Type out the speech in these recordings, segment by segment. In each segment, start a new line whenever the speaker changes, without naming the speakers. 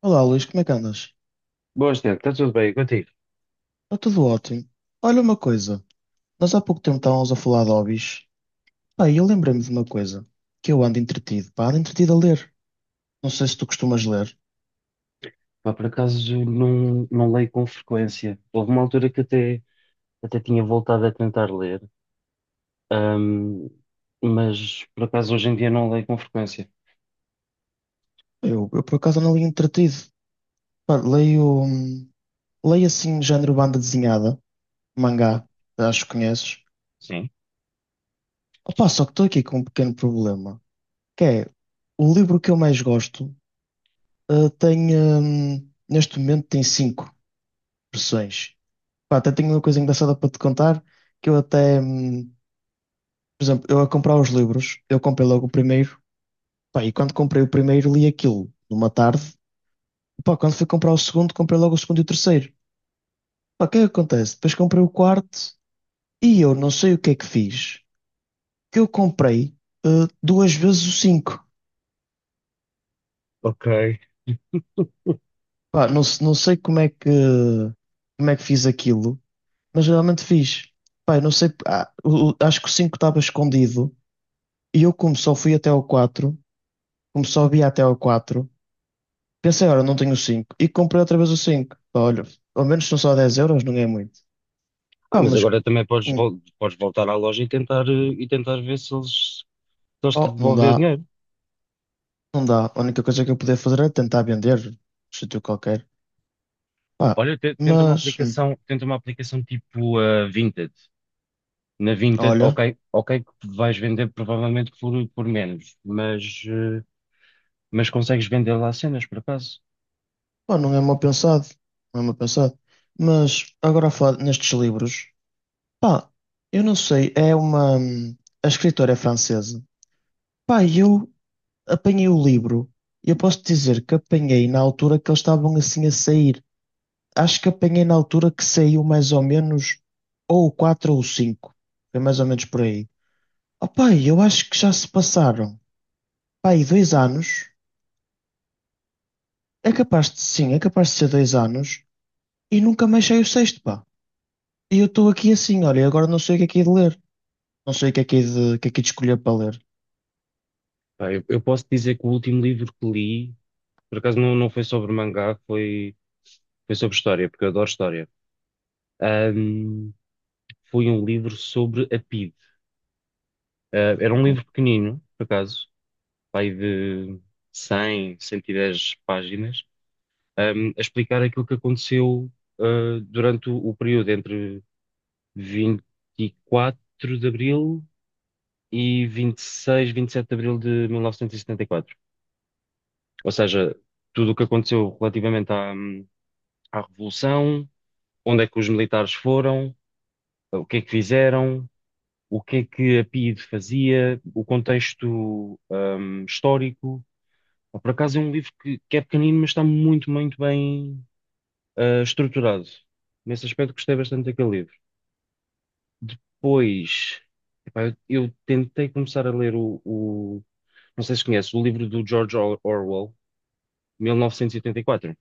Olá, Luís, como é que andas?
Boas, Tiago, está tudo bem contigo?
Está tudo ótimo. Olha uma coisa, nós há pouco tempo estávamos a falar de hobbies. Pá, e eu lembrei-me de uma coisa, que eu ando entretido, pá, ando entretido a ler. Não sei se tu costumas ler.
Pá, por acaso não leio com frequência. Houve uma altura que até tinha voltado a tentar ler, ahm, mas por acaso hoje em dia não leio com frequência.
Eu por acaso não leio entretido. Pá, leio, leio assim, género banda desenhada,
O-
mangá, acho que conheces.
Sim.
Opá, só que estou aqui com um pequeno problema, que é, o livro que eu mais gosto, tem, neste momento tem cinco versões. Pá, até tenho uma coisa engraçada para te contar, que eu até, por exemplo, eu a comprar os livros, eu comprei logo o primeiro, pá, e quando comprei o primeiro li aquilo numa tarde, pá, quando fui comprar o segundo, comprei logo o segundo e o terceiro. Pá, o que é que acontece? Depois comprei o quarto e eu não sei o que é que fiz, que eu comprei eh, duas vezes o cinco.
Ok.
Pá, não,
Sim.
não sei como é que fiz aquilo, mas realmente fiz. Pá, eu não sei, acho que o cinco estava escondido e eu como só havia até ao 4, pensei, ora, não tenho o 5 e comprei outra vez o 5. Pá, olha, ao menos são só 10 euros, não é muito.
Ah,
Pá,
mas
mas,
agora também podes,
hum,
podes voltar à loja e tentar, e tentar ver se eles, se eles te
oh, não
devolvem o
dá,
dinheiro.
não dá. A única coisa que eu podia fazer é tentar vender, num sítio qualquer. Pá,
Olha,
mas,
tenta uma aplicação tipo a Vinted. Na Vinted,
olha,
ok, ok, que vais vender provavelmente por menos, mas. Mas consegues vender lá cenas, por acaso?
pá, não é mal pensado, não é mal pensado. Mas, agora a falar nestes livros, pá, eu não sei, a escritora é francesa. Pá, e eu apanhei o livro, e eu posso dizer que apanhei na altura que eles estavam assim a sair. Acho que apanhei na altura que saiu mais ou menos ou o 4 ou o 5. Foi mais ou menos por aí. Opa, eu acho que já se passaram, pá, aí 2 anos. É capaz de, sim, é capaz de ser 2 anos. E nunca mais saiu o sexto, pá. E eu estou aqui assim, olha, e agora não sei o que é de ler. Não sei o que é de, o que é de escolher para ler.
Pá, eu posso dizer que o último livro que li, por acaso não foi sobre mangá, foi, foi sobre história, porque eu adoro história. Ahm, Foi um livro sobre a PIDE. Ah, era um
Ok.
livro pequenino, por acaso, pai de 100, 110 páginas, a explicar aquilo que aconteceu, ah, durante o período entre 24 de Abril e 26, 27 de Abril de 1974. Ou seja, tudo o que aconteceu relativamente à, à Revolução, onde é que os militares foram, o que é que fizeram, o que é que a PIDE fazia, o contexto, histórico. Por acaso é um livro que é pequenino, mas está muito, muito bem, ah, estruturado. Nesse aspecto gostei bastante daquele livro. Depois, epá, eu tentei começar a ler não sei se conhece, o livro do George Orwell, 1984.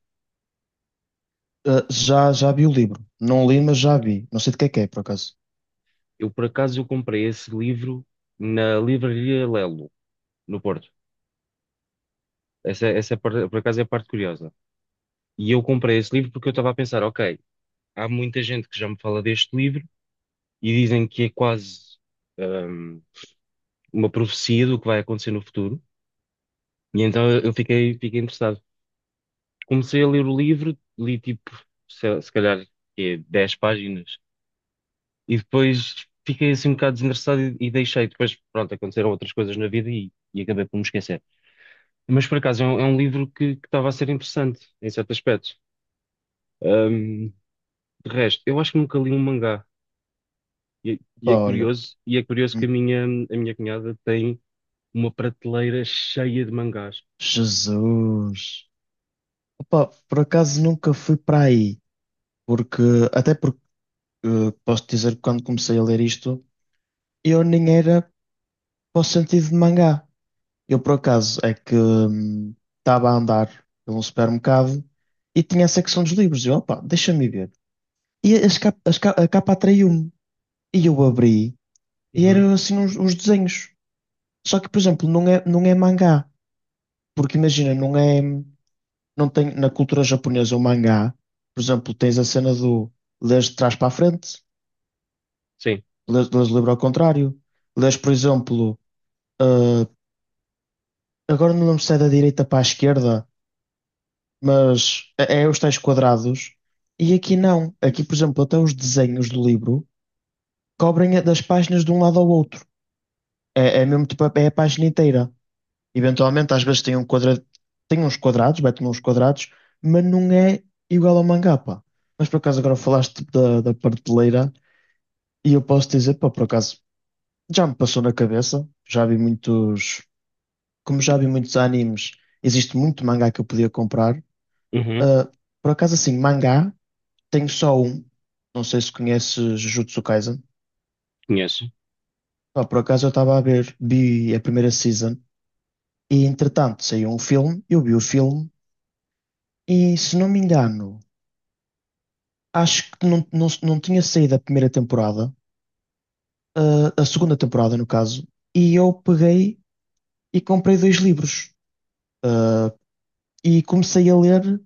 Ah, já vi o livro. Não li, mas já vi. Não sei de que é, por acaso.
Eu, por acaso, eu comprei esse livro na Livraria Lelo, no Porto. Essa por acaso, é a parte curiosa. E eu comprei esse livro porque eu estava a pensar, ok, há muita gente que já me fala deste livro e dizem que é quase, ahm, uma profecia do que vai acontecer no futuro. E então eu fiquei interessado. Comecei a ler o livro, li tipo, se calhar, é 10 páginas. E depois fiquei assim um bocado desinteressado e deixei. Depois, pronto, aconteceram outras coisas na vida e acabei por me esquecer. Mas por acaso é um livro que estava a ser interessante em certo aspecto. Ahm, de resto, eu acho que nunca li um mangá.
Pá, olha.
E é curioso que
Hum,
a minha cunhada tem uma prateleira cheia de mangás.
Jesus. Opa, por acaso nunca fui para aí. Porque, até porque posso dizer que quando comecei a ler isto, eu nem era para o sentido de mangá. Eu, por acaso, é que estava a andar por um supermercado e tinha a secção dos livros. Eu, opa, deixa-me ver. E as cap- as ca- a capa atraiu-me. E eu abri e
Uhum.
eram assim uns desenhos. Só que, por exemplo, não é mangá. Porque imagina, não é. Não tem, na cultura japonesa, o mangá, por exemplo, tens a cena do lês de trás para a frente,
Sim.
lês o livro ao contrário, lês, por exemplo eh, agora não lembro se é da direita para a esquerda, mas é os tais quadrados. E aqui não. Aqui, por exemplo, até os desenhos do livro cobrem das páginas de um lado ao outro. É mesmo tipo, é a página inteira. Eventualmente, às vezes tem uns quadrados, mete uns quadrados, mas não é igual ao mangá, pá. Mas por acaso agora falaste tipo, da prateleira e eu posso dizer, pá, por acaso já me passou na cabeça. Como já vi muitos animes, existe muito mangá que eu podia comprar.
Uhum.
Ah, por acaso, assim, mangá, tenho só um. Não sei se conheces Jujutsu Kaisen.
Conheço.
Pá, por acaso eu vi a primeira season e entretanto saiu um filme, eu vi o filme e se não me engano, acho que não, tinha saído a primeira temporada, a segunda temporada no caso, e eu peguei e comprei dois livros e comecei a ler.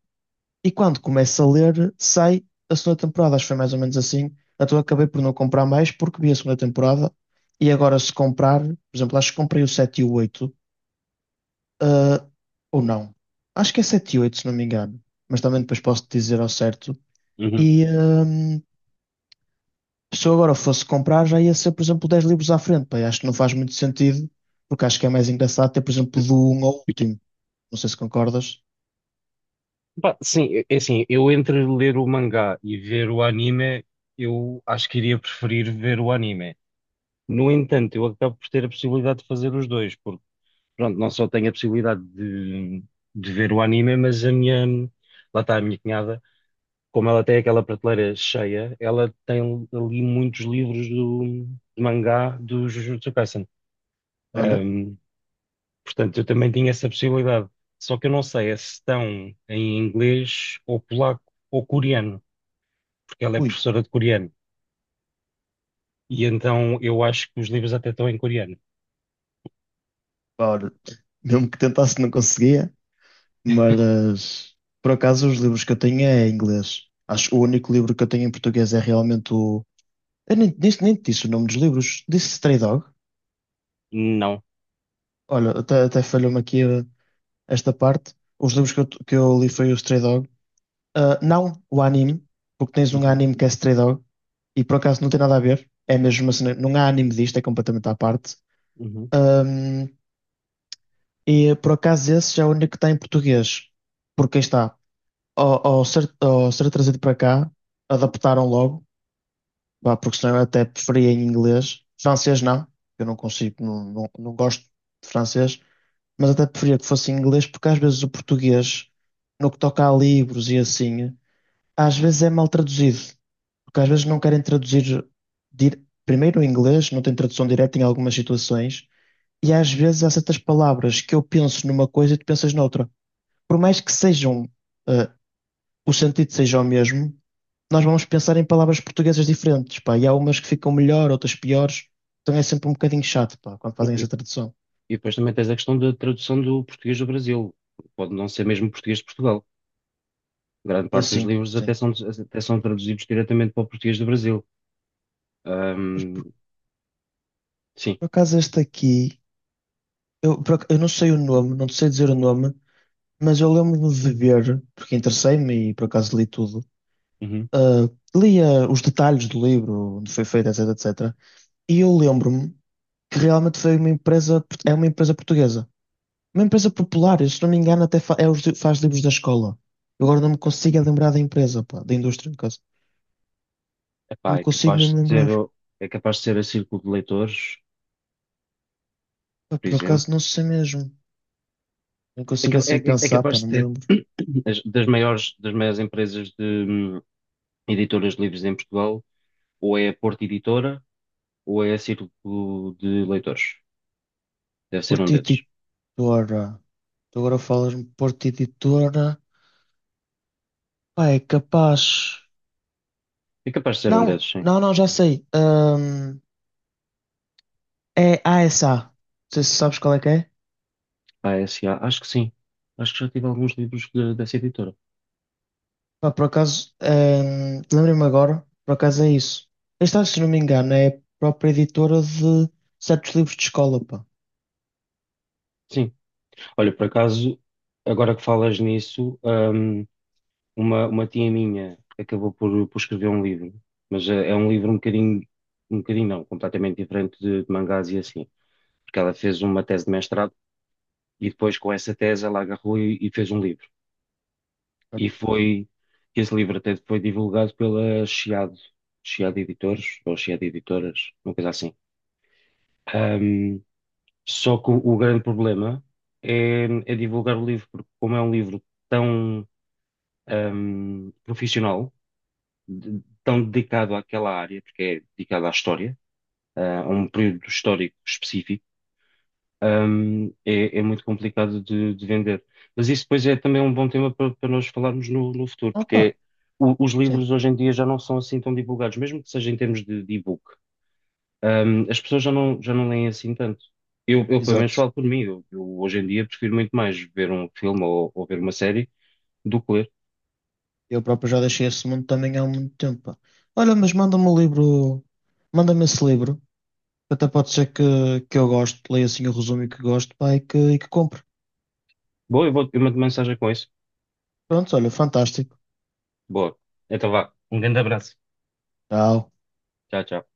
E quando começo a ler, sai a segunda temporada. Acho que foi mais ou menos assim. Então acabei por não comprar mais porque vi a segunda temporada. E agora, se comprar, por exemplo, acho que comprei o 7 e o 8 ah, ou não. Acho que é 7 e 8, se não me engano. Mas também depois posso te dizer ao certo.
Uhum.
E se eu agora fosse comprar, já ia ser, por exemplo, 10 livros à frente. Pá, e acho que não faz muito sentido, porque acho que é mais engraçado ter, por exemplo, do um ao último. Não sei se concordas.
Pá, sim, é é assim, eu entre ler o mangá e ver o anime, eu acho que iria preferir ver o anime. No entanto, eu acabo por ter a possibilidade de fazer os dois, porque pronto, não só tenho a possibilidade de ver o anime, mas a minha, lá está a minha cunhada, como ela tem aquela prateleira cheia, ela tem ali muitos livros do, de mangá do Jujutsu Kaisen.
Olha,
Ahm, Portanto, eu também tinha essa possibilidade. Só que eu não sei é se estão em inglês ou polaco ou coreano, porque ela é
ui,
professora de coreano. E então eu acho que os livros até estão em coreano.
pá, olha, mesmo que tentasse, não conseguia. Mas, por acaso, os livros que eu tenho é em inglês. Acho que o único livro que eu tenho em português é realmente o. Eu nem te disse o nome dos livros. Disse Stray Dog.
Não.
Olha, até falhou-me aqui esta parte. Os livros que eu li foi o Stray Dog. Ah, não o anime, porque tens um
Uhum,
anime que é Stray Dog e por acaso não tem nada a ver. É mesmo assim, não há anime disto, é completamente à parte.
uhum.
Hum, e por acaso esse já é o único que está em português. Porque aí está, ao ser trazido para cá, adaptaram logo, pá, porque senão eu até preferia em inglês. Francês não, eu não consigo, não gosto de francês, mas até preferia que fosse em inglês, porque às vezes o português, no que toca a livros e assim, às vezes é mal traduzido, porque às vezes não querem traduzir primeiro em inglês, não tem tradução direta em algumas situações, e às vezes há certas palavras que eu penso numa coisa e tu pensas noutra. Por mais que sejam, eh, o sentido seja o mesmo, nós vamos pensar em palavras portuguesas diferentes, pá, e há umas que ficam melhor, outras piores, então é sempre um bocadinho chato, pá, quando fazem esta tradução.
E depois também tens a questão da tradução do português do Brasil. Pode não ser mesmo português de Portugal. Grande
Ah,
parte dos
sim,
livros
sim.
até são traduzidos diretamente para o português do Brasil. Ahm, sim.
Por acaso este aqui, eu não sei o nome, não te sei dizer o nome, mas eu lembro-me de ver, porque interessei-me e por acaso li tudo,
Uhum.
ah, li os detalhes do livro, onde foi feito, etc, etc, e eu lembro-me que realmente foi uma empresa, é uma empresa portuguesa. Uma empresa popular, se não me engano, até faz livros da escola. Eu agora não me consigo é lembrar da empresa, pá, da indústria, no caso. Não
Epá,
me
é
consigo
capaz
mesmo
de ser,
lembrar.
o- é capaz de ser a Círculo de Leitores,
Pá,
por
por
exemplo.
acaso não sei mesmo. Não
É,
consigo assim
é
pensar,
capaz
pá,
de
não me
ser
lembro.
das maiores empresas de hum, editoras de livros em Portugal, ou é a Porta Editora, ou é a Círculo de Leitores. Deve ser um
Porta
desses.
Editora. Tu agora falas-me Porta Editora. Pá, é capaz.
É capaz de ser um
Não,
desses, sim.
não, não, já sei. É ASA. Não sei se sabes qual é que é.
A S A, acho que sim. Acho que já tive alguns livros dessa editora.
Pá, por acaso, lembrei-me agora, por acaso é isso. Esta, se não me engano, é a própria editora de certos livros de escola, pá.
Sim. Olha, por acaso, agora que falas nisso, uma tia minha acabou por escrever um livro, mas é, é um livro um bocadinho não, completamente diferente de mangás e assim, porque ela fez uma tese de mestrado e depois com essa tese ela agarrou e fez um livro. E
Certo?
foi, esse livro até foi divulgado pela Chiado, Chiado Editores, ou Chiado Editoras, uma coisa assim. Hum. Só que o grande problema é, é divulgar o livro, porque como é um livro tão profissional, tão dedicado àquela área, porque é dedicado à história, ah, a um período histórico específico, é, é muito complicado de vender. Mas isso depois é também um bom tema para, para nós falarmos no, no futuro,
Ah, pá,
os
sim,
livros hoje em dia já não são assim tão divulgados, mesmo que seja em termos de e-book. As pessoas já não leem assim tanto. Eu, pelo menos,
exato.
falo por mim. Eu, hoje em dia, prefiro muito mais ver um filme ou ver uma série do que ler.
Eu próprio já deixei esse mundo também há muito tempo, pá. Olha, mas manda-me o livro, manda-me esse livro, que até pode ser que eu, goste, leia assim o resumo e que gosto, pá, e e que compre.
Boa, eu vou, eu mando mensagem com isso.
Pronto, olha, fantástico.
Boa. Então vá. Um grande abraço.
Tchau.
Tchau, tchau.